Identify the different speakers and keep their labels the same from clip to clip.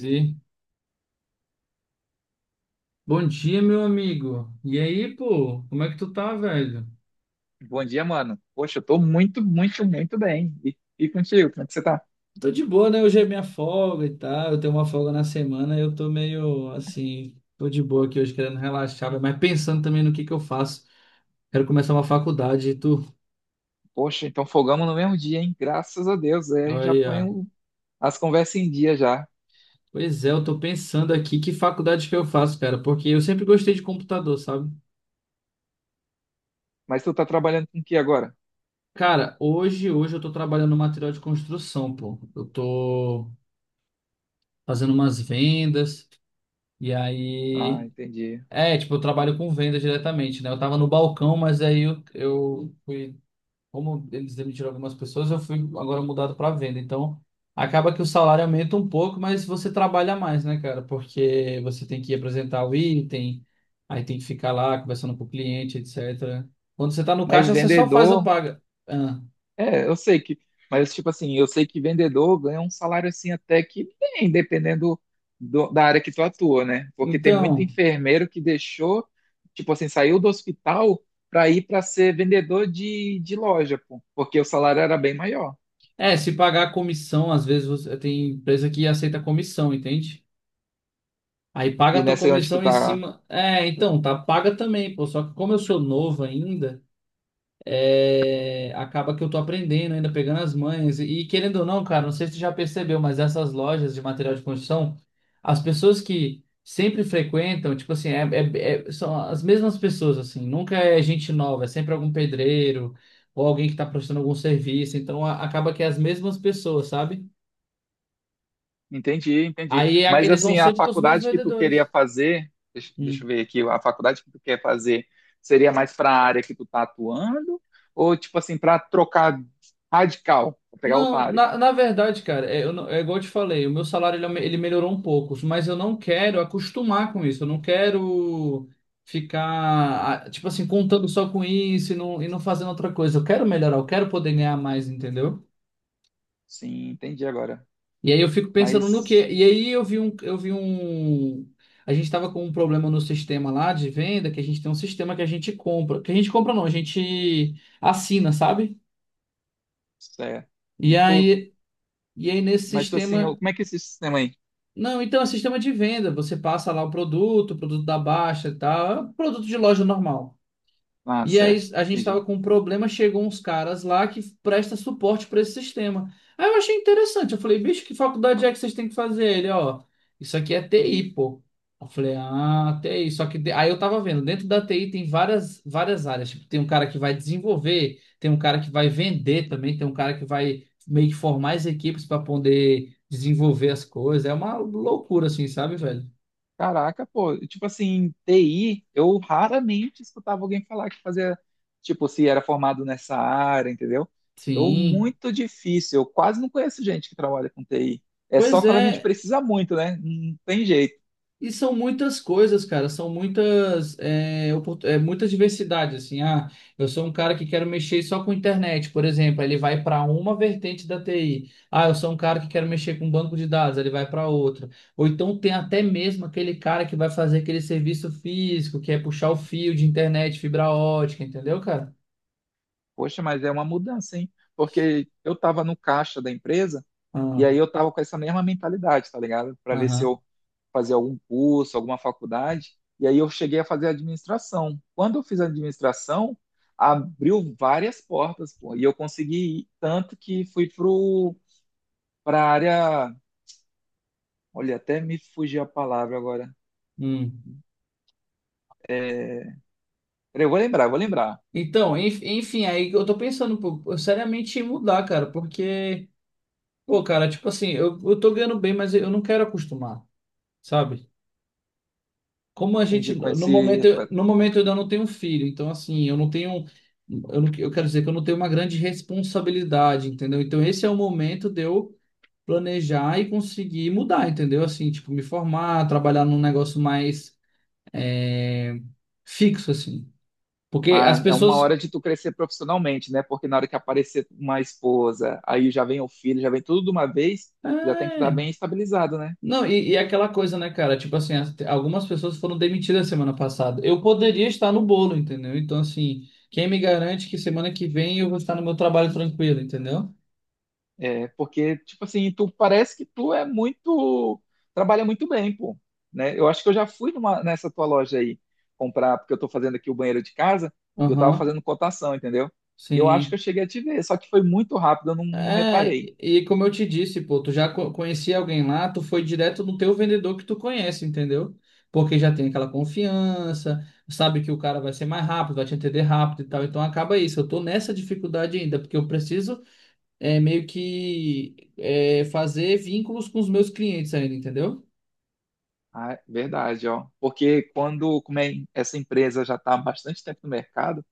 Speaker 1: E- Bom dia, meu amigo. E aí, pô, como é que tu tá, velho?
Speaker 2: Bom dia, mano. Poxa, eu tô muito, muito, muito bem. E contigo, como é que você tá?
Speaker 1: Tô de boa, né? Hoje é minha folga e tal. Eu tenho uma folga na semana e eu tô meio assim, tô de boa aqui hoje, querendo relaxar, velho, mas pensando também no que eu faço. Quero começar uma faculdade e tu.
Speaker 2: Poxa, então folgamos no mesmo dia, hein? Graças a Deus. Aí a gente já põe
Speaker 1: Olha.
Speaker 2: as conversas em dia já.
Speaker 1: Pois é, eu tô pensando aqui que faculdade que eu faço, cara, porque eu sempre gostei de computador, sabe?
Speaker 2: Mas tu tá trabalhando com o que agora?
Speaker 1: Cara, hoje eu tô trabalhando no material de construção, pô. Eu tô fazendo umas vendas e
Speaker 2: Ah,
Speaker 1: aí.
Speaker 2: entendi.
Speaker 1: É, tipo, eu trabalho com venda diretamente, né? Eu tava no balcão, mas aí eu fui, como eles demitiram algumas pessoas, eu fui agora mudado para venda. Então, acaba que o salário aumenta um pouco, mas você trabalha mais, né, cara? Porque você tem que apresentar o item, aí tem que ficar lá conversando com o cliente, etc. Quando você tá no
Speaker 2: Mas
Speaker 1: caixa, você só faz a
Speaker 2: vendedor,
Speaker 1: paga. Ah,
Speaker 2: é, eu sei que, mas tipo assim, eu sei que vendedor ganha um salário assim até que bem, dependendo da área que tu atua, né? Porque tem muito
Speaker 1: então,
Speaker 2: enfermeiro que deixou, tipo assim, saiu do hospital para ir para ser vendedor de loja, pô, porque o salário era bem maior.
Speaker 1: é, se pagar a comissão, às vezes você, tem empresa que aceita comissão, entende? Aí paga
Speaker 2: E
Speaker 1: a tua
Speaker 2: nessa aí onde tu
Speaker 1: comissão em
Speaker 2: tá.
Speaker 1: cima. É, então, tá paga também, pô. Só que como eu sou novo ainda, é, acaba que eu tô aprendendo ainda, pegando as manhas. E querendo ou não, cara, não sei se tu já percebeu, mas essas lojas de material de construção, as pessoas que sempre frequentam, tipo assim, são as mesmas pessoas, assim. Nunca é gente nova, é sempre algum pedreiro ou alguém que tá prestando algum serviço. Então acaba que é as mesmas pessoas, sabe?
Speaker 2: Entendi, entendi.
Speaker 1: Aí
Speaker 2: Mas
Speaker 1: eles vão
Speaker 2: assim, a
Speaker 1: sempre com os mesmos
Speaker 2: faculdade que tu queria
Speaker 1: vendedores.
Speaker 2: fazer, deixa
Speaker 1: Hum.
Speaker 2: eu ver aqui, a faculdade que tu quer fazer seria mais para a área que tu tá atuando ou tipo assim, para trocar radical, pra pegar outra
Speaker 1: Não,
Speaker 2: área?
Speaker 1: na verdade, cara, é, eu não- é igual eu te falei, o meu salário ele melhorou um pouco, mas eu não quero acostumar com isso, eu não quero ficar, ah, tipo assim, contando só com isso e não fazendo outra coisa. Eu quero melhorar, eu quero poder ganhar mais, entendeu?
Speaker 2: Sim, entendi agora.
Speaker 1: E aí eu fico pensando no
Speaker 2: Mas
Speaker 1: quê? E aí a gente tava com um problema no sistema lá de venda, que a gente tem um sistema que a gente compra, que a gente compra não, a gente assina, sabe?
Speaker 2: certo.
Speaker 1: E
Speaker 2: E tu,
Speaker 1: aí, e aí nesse
Speaker 2: mas tu assim,
Speaker 1: sistema.
Speaker 2: como é que é esse sistema aí?
Speaker 1: Não, então é sistema de venda. Você passa lá o produto da baixa e tal. É um produto de loja normal.
Speaker 2: Ah,
Speaker 1: E aí
Speaker 2: certo.
Speaker 1: a gente tava
Speaker 2: Entendi.
Speaker 1: com um problema, chegou uns caras lá que presta suporte para esse sistema. Aí eu achei interessante, eu falei, bicho, que faculdade é que vocês têm que fazer? Ele, ó, isso aqui é TI, pô. Eu falei, ah, TI, só que aí eu tava vendo, dentro da TI tem várias, várias áreas, tipo, tem um cara que vai desenvolver, tem um cara que vai vender também, tem um cara que vai meio que formar as equipes para poder desenvolver as coisas. É uma loucura assim, sabe, velho?
Speaker 2: Caraca, pô, tipo assim, TI, eu raramente escutava alguém falar que fazia, tipo, se era formado nessa área, entendeu? Eu,
Speaker 1: Sim.
Speaker 2: muito difícil, eu quase não conheço gente que trabalha com TI. É só
Speaker 1: Pois
Speaker 2: quando a gente
Speaker 1: é,
Speaker 2: precisa muito, né? Não tem jeito.
Speaker 1: e são muitas coisas, cara, são muitas, muita diversidade, assim, ah, eu sou um cara que quero mexer só com internet, por exemplo, aí ele vai para uma vertente da TI, ah, eu sou um cara que quero mexer com banco de dados, aí ele vai para outra, ou então tem até mesmo aquele cara que vai fazer aquele serviço físico, que é puxar o fio de internet, fibra ótica, entendeu, cara?
Speaker 2: Poxa, mas é uma mudança, hein? Porque eu tava no caixa da empresa e
Speaker 1: Ah,
Speaker 2: aí eu tava com essa mesma mentalidade, tá ligado? Para ver se
Speaker 1: aham,
Speaker 2: eu fazer algum curso, alguma faculdade, e aí eu cheguei a fazer administração. Quando eu fiz administração, abriu várias portas, pô, e eu consegui ir, tanto que fui para a área. Olha, até me fugiu a palavra agora.
Speaker 1: hum.
Speaker 2: É, peraí, eu vou lembrar, eu vou lembrar.
Speaker 1: Então, enfim, aí eu tô pensando, pô, eu seriamente em mudar, cara, porque... Pô, cara, tipo assim, eu tô ganhando bem, mas eu não quero acostumar, sabe? Como a gente,
Speaker 2: Entendi com
Speaker 1: no momento,
Speaker 2: esse.
Speaker 1: no momento eu ainda não tenho filho, então assim, eu não tenho, eu, não, eu quero dizer que eu não tenho uma grande responsabilidade, entendeu? Então esse é o momento de eu planejar e conseguir mudar, entendeu? Assim, tipo, me formar, trabalhar num negócio mais é, fixo, assim. Porque as
Speaker 2: É uma
Speaker 1: pessoas.
Speaker 2: hora de tu crescer profissionalmente, né? Porque na hora que aparecer uma esposa, aí já vem o filho, já vem tudo de uma vez, já tem que estar
Speaker 1: É.
Speaker 2: bem estabilizado, né?
Speaker 1: Não, e aquela coisa, né, cara? Tipo assim, algumas pessoas foram demitidas semana passada. Eu poderia estar no bolo, entendeu? Então, assim, quem me garante que semana que vem eu vou estar no meu trabalho tranquilo, entendeu?
Speaker 2: É, porque, tipo assim, tu parece que tu é muito. Trabalha muito bem, pô. Né? Eu acho que eu já fui nessa tua loja aí comprar, porque eu tô fazendo aqui o banheiro de casa e eu tava
Speaker 1: Aham,
Speaker 2: fazendo cotação, entendeu? E eu acho que
Speaker 1: sim.
Speaker 2: eu cheguei a te ver, só que foi muito rápido, eu não, não
Speaker 1: É,
Speaker 2: reparei.
Speaker 1: e como eu te disse, pô, tu já conhecia alguém lá, tu foi direto no teu vendedor que tu conhece, entendeu? Porque já tem aquela confiança, sabe que o cara vai ser mais rápido, vai te entender rápido e tal. Então acaba isso. Eu tô nessa dificuldade ainda, porque eu preciso é, meio que é, fazer vínculos com os meus clientes ainda, entendeu?
Speaker 2: Ah, é verdade, ó. Porque quando, como é, essa empresa já está há bastante tempo no mercado,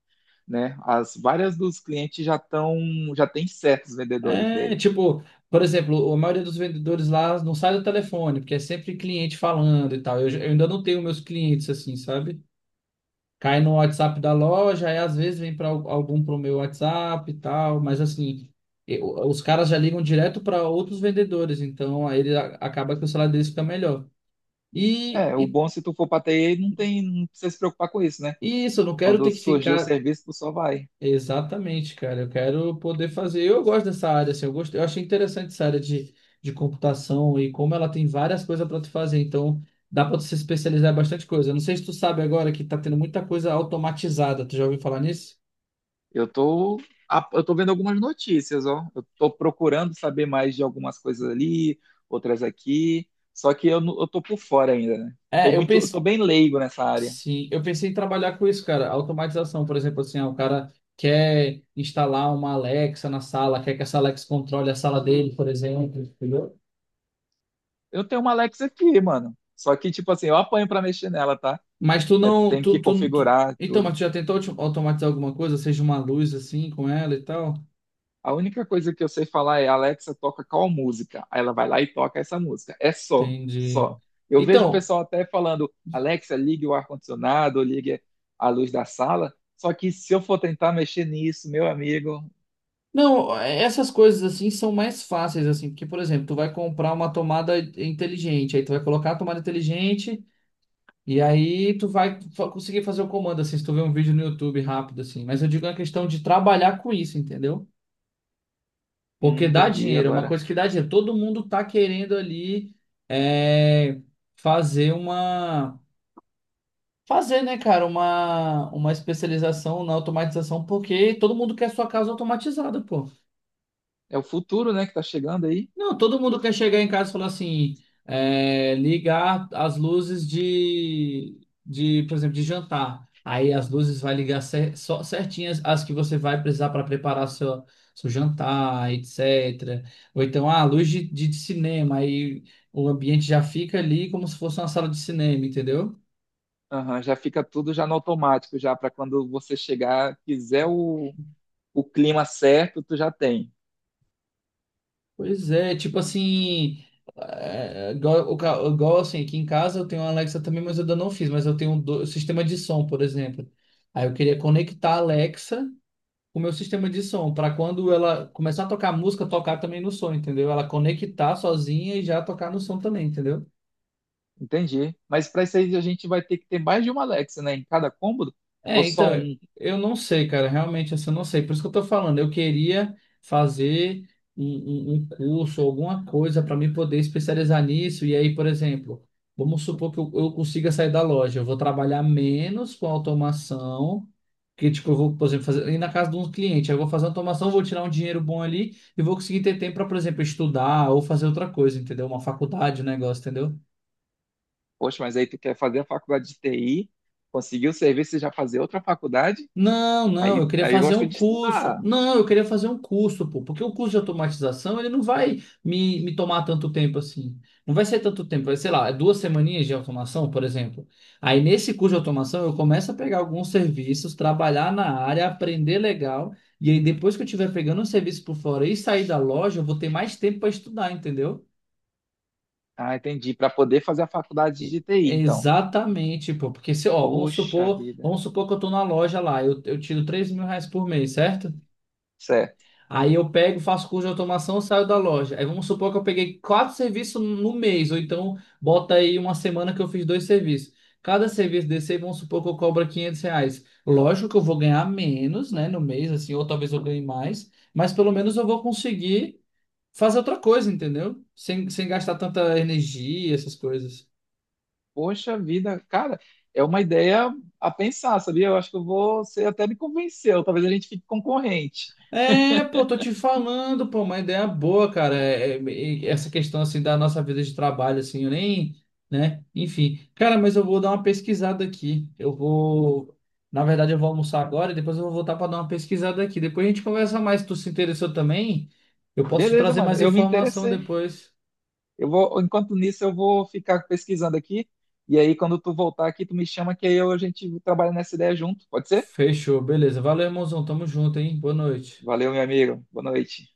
Speaker 2: né? As várias dos clientes já estão, já tem certos vendedores
Speaker 1: É,
Speaker 2: dele.
Speaker 1: tipo, por exemplo, a maioria dos vendedores lá não sai do telefone, porque é sempre cliente falando e tal. Eu ainda não tenho meus clientes assim, sabe? Cai no WhatsApp da loja, e às vezes vem para algum pro meu WhatsApp e tal, mas assim, os caras já ligam direto para outros vendedores, então aí ele acaba que o salário deles fica melhor. E,
Speaker 2: É, o
Speaker 1: e,
Speaker 2: bom se tu for para TI, não tem, não precisa se preocupar com isso, né?
Speaker 1: e isso, eu não quero
Speaker 2: Quando
Speaker 1: ter que
Speaker 2: surgir o
Speaker 1: ficar.
Speaker 2: serviço, tu só vai.
Speaker 1: Exatamente, cara. Eu quero poder fazer. Eu gosto dessa área, assim, eu gosto, eu achei interessante essa área de computação e como ela tem várias coisas para tu fazer. Então, dá para tu se especializar em bastante coisa. Eu não sei se tu sabe agora que tá tendo muita coisa automatizada. Tu já ouviu falar nisso?
Speaker 2: Eu tô, eu tô vendo algumas notícias, ó. Eu tô procurando saber mais de algumas coisas ali, outras aqui. Só que eu, não- eu tô por fora ainda, né? Tô
Speaker 1: É, eu
Speaker 2: muito, eu tô
Speaker 1: pensei,
Speaker 2: bem leigo nessa área.
Speaker 1: sim, eu pensei em trabalhar com isso, cara. Automatização, por exemplo, assim, ah, o cara quer instalar uma Alexa na sala, quer que essa Alexa controle a sala dele, por exemplo, entendeu?
Speaker 2: Eu tenho uma Alexa aqui, mano. Só que, tipo assim, eu apanho pra mexer nela, tá?
Speaker 1: Mas tu
Speaker 2: É,
Speaker 1: não.
Speaker 2: tem que configurar
Speaker 1: Então, mas
Speaker 2: tudo.
Speaker 1: tu já tentou automatizar alguma coisa, seja uma luz assim com ela e tal?
Speaker 2: A única coisa que eu sei falar é, Alexa, toca qual música? Aí ela vai lá e toca essa música. É só,
Speaker 1: Entendi.
Speaker 2: só. Eu vejo o
Speaker 1: Então,
Speaker 2: pessoal até falando, Alexa, ligue o ar-condicionado, ou ligue a luz da sala. Só que se eu for tentar mexer nisso, meu amigo,
Speaker 1: não, é, essas coisas assim são mais fáceis, assim, porque, por exemplo, tu vai comprar uma tomada inteligente, aí tu vai colocar a tomada inteligente e aí tu vai conseguir fazer o comando, assim, se tu ver um vídeo no YouTube rápido, assim. Mas eu digo a questão de trabalhar com isso, entendeu? Porque dá
Speaker 2: entendi
Speaker 1: dinheiro, é uma
Speaker 2: agora.
Speaker 1: coisa que dá dinheiro. Todo mundo tá querendo ali é, fazer uma. Fazer, né, cara, uma especialização na automatização, porque todo mundo quer sua casa automatizada, pô.
Speaker 2: É o futuro, né, que tá chegando aí.
Speaker 1: Não, todo mundo quer chegar em casa e falar assim, é, ligar as luzes por exemplo, de jantar. Aí as luzes vai ligar só certinhas as que você vai precisar para preparar seu jantar, etc. Ou então, ah, luz de cinema, aí o ambiente já fica ali como se fosse uma sala de cinema, entendeu?
Speaker 2: Aham, já fica tudo já no automático, já para quando você chegar, quiser o clima certo, tu já tem.
Speaker 1: Pois é, tipo assim, igual, igual assim, aqui em casa eu tenho a Alexa também, mas eu ainda não fiz, mas eu tenho um sistema de som, por exemplo. Aí eu queria conectar a Alexa com o meu sistema de som, para quando ela começar a tocar música, tocar também no som, entendeu? Ela conectar sozinha e já tocar no som também, entendeu?
Speaker 2: Entendi. Mas para isso aí a gente vai ter que ter mais de uma Alexa, né, em cada cômodo, ou
Speaker 1: É,
Speaker 2: só
Speaker 1: então,
Speaker 2: um?
Speaker 1: eu não sei, cara, realmente assim, eu não sei. Por isso que eu tô falando, eu queria fazer um, um curso, alguma coisa para mim poder especializar nisso. E aí, por exemplo, vamos supor que eu consiga sair da loja, eu vou trabalhar menos com automação, que tipo, eu vou, por exemplo, fazer, ir na casa de um cliente, aí eu vou fazer automação, vou tirar um dinheiro bom ali e vou conseguir ter tempo para, por exemplo, estudar ou fazer outra coisa, entendeu? Uma faculdade, um negócio, entendeu?
Speaker 2: Poxa, mas aí tu quer fazer a faculdade de TI, conseguir o serviço e já fazer outra faculdade?
Speaker 1: Não, não, eu
Speaker 2: Aí,
Speaker 1: queria
Speaker 2: aí eu
Speaker 1: fazer um
Speaker 2: gosto de
Speaker 1: curso.
Speaker 2: estudar.
Speaker 1: Não, eu queria fazer um curso, pô, porque o curso de automatização, ele não vai me tomar tanto tempo assim. Não vai ser tanto tempo, vai, sei lá, 2 semaninhas de automação, por exemplo. Aí nesse curso de automação, eu começo a pegar alguns serviços, trabalhar na área, aprender legal, e aí depois que eu estiver pegando um serviço por fora e sair da loja, eu vou ter mais tempo para estudar, entendeu?
Speaker 2: Ah, entendi. Para poder fazer a faculdade de TI, então.
Speaker 1: Exatamente, pô, porque se, ó, vamos
Speaker 2: Poxa
Speaker 1: supor,
Speaker 2: vida.
Speaker 1: vamos supor que eu tô na loja lá, eu tiro R$ 3.000 por mês, certo?
Speaker 2: Certo.
Speaker 1: Aí eu pego, faço curso de automação, saio da loja. Aí vamos supor que eu peguei quatro serviços no mês, ou então bota aí uma semana que eu fiz dois serviços. Cada serviço desse, aí, vamos supor que eu cobro R$ 500. Lógico que eu vou ganhar menos, né, no mês, assim, ou talvez eu ganhe mais, mas pelo menos eu vou conseguir fazer outra coisa, entendeu? Sem gastar tanta energia, essas coisas.
Speaker 2: Poxa vida, cara, é uma ideia a pensar, sabia? Eu acho que eu vou, você até me convenceu. Talvez a gente fique concorrente.
Speaker 1: É, pô, tô te falando, pô, uma ideia boa, cara. E essa questão assim da nossa vida de trabalho, assim, eu nem, né? Enfim, cara, mas eu vou dar uma pesquisada aqui. Eu vou, na verdade, eu vou almoçar agora e depois eu vou voltar pra dar uma pesquisada aqui. Depois a gente conversa mais. Se tu se interessou também, eu posso te
Speaker 2: Beleza,
Speaker 1: trazer
Speaker 2: mano,
Speaker 1: mais
Speaker 2: eu me
Speaker 1: informação
Speaker 2: interessei.
Speaker 1: depois.
Speaker 2: Eu vou, enquanto nisso, eu vou ficar pesquisando aqui. E aí, quando tu voltar aqui, tu me chama que aí a gente trabalha nessa ideia junto. Pode ser?
Speaker 1: Fechou, beleza. Valeu, irmãozão. Tamo junto, hein? Boa noite.
Speaker 2: Valeu, meu amigo. Boa noite.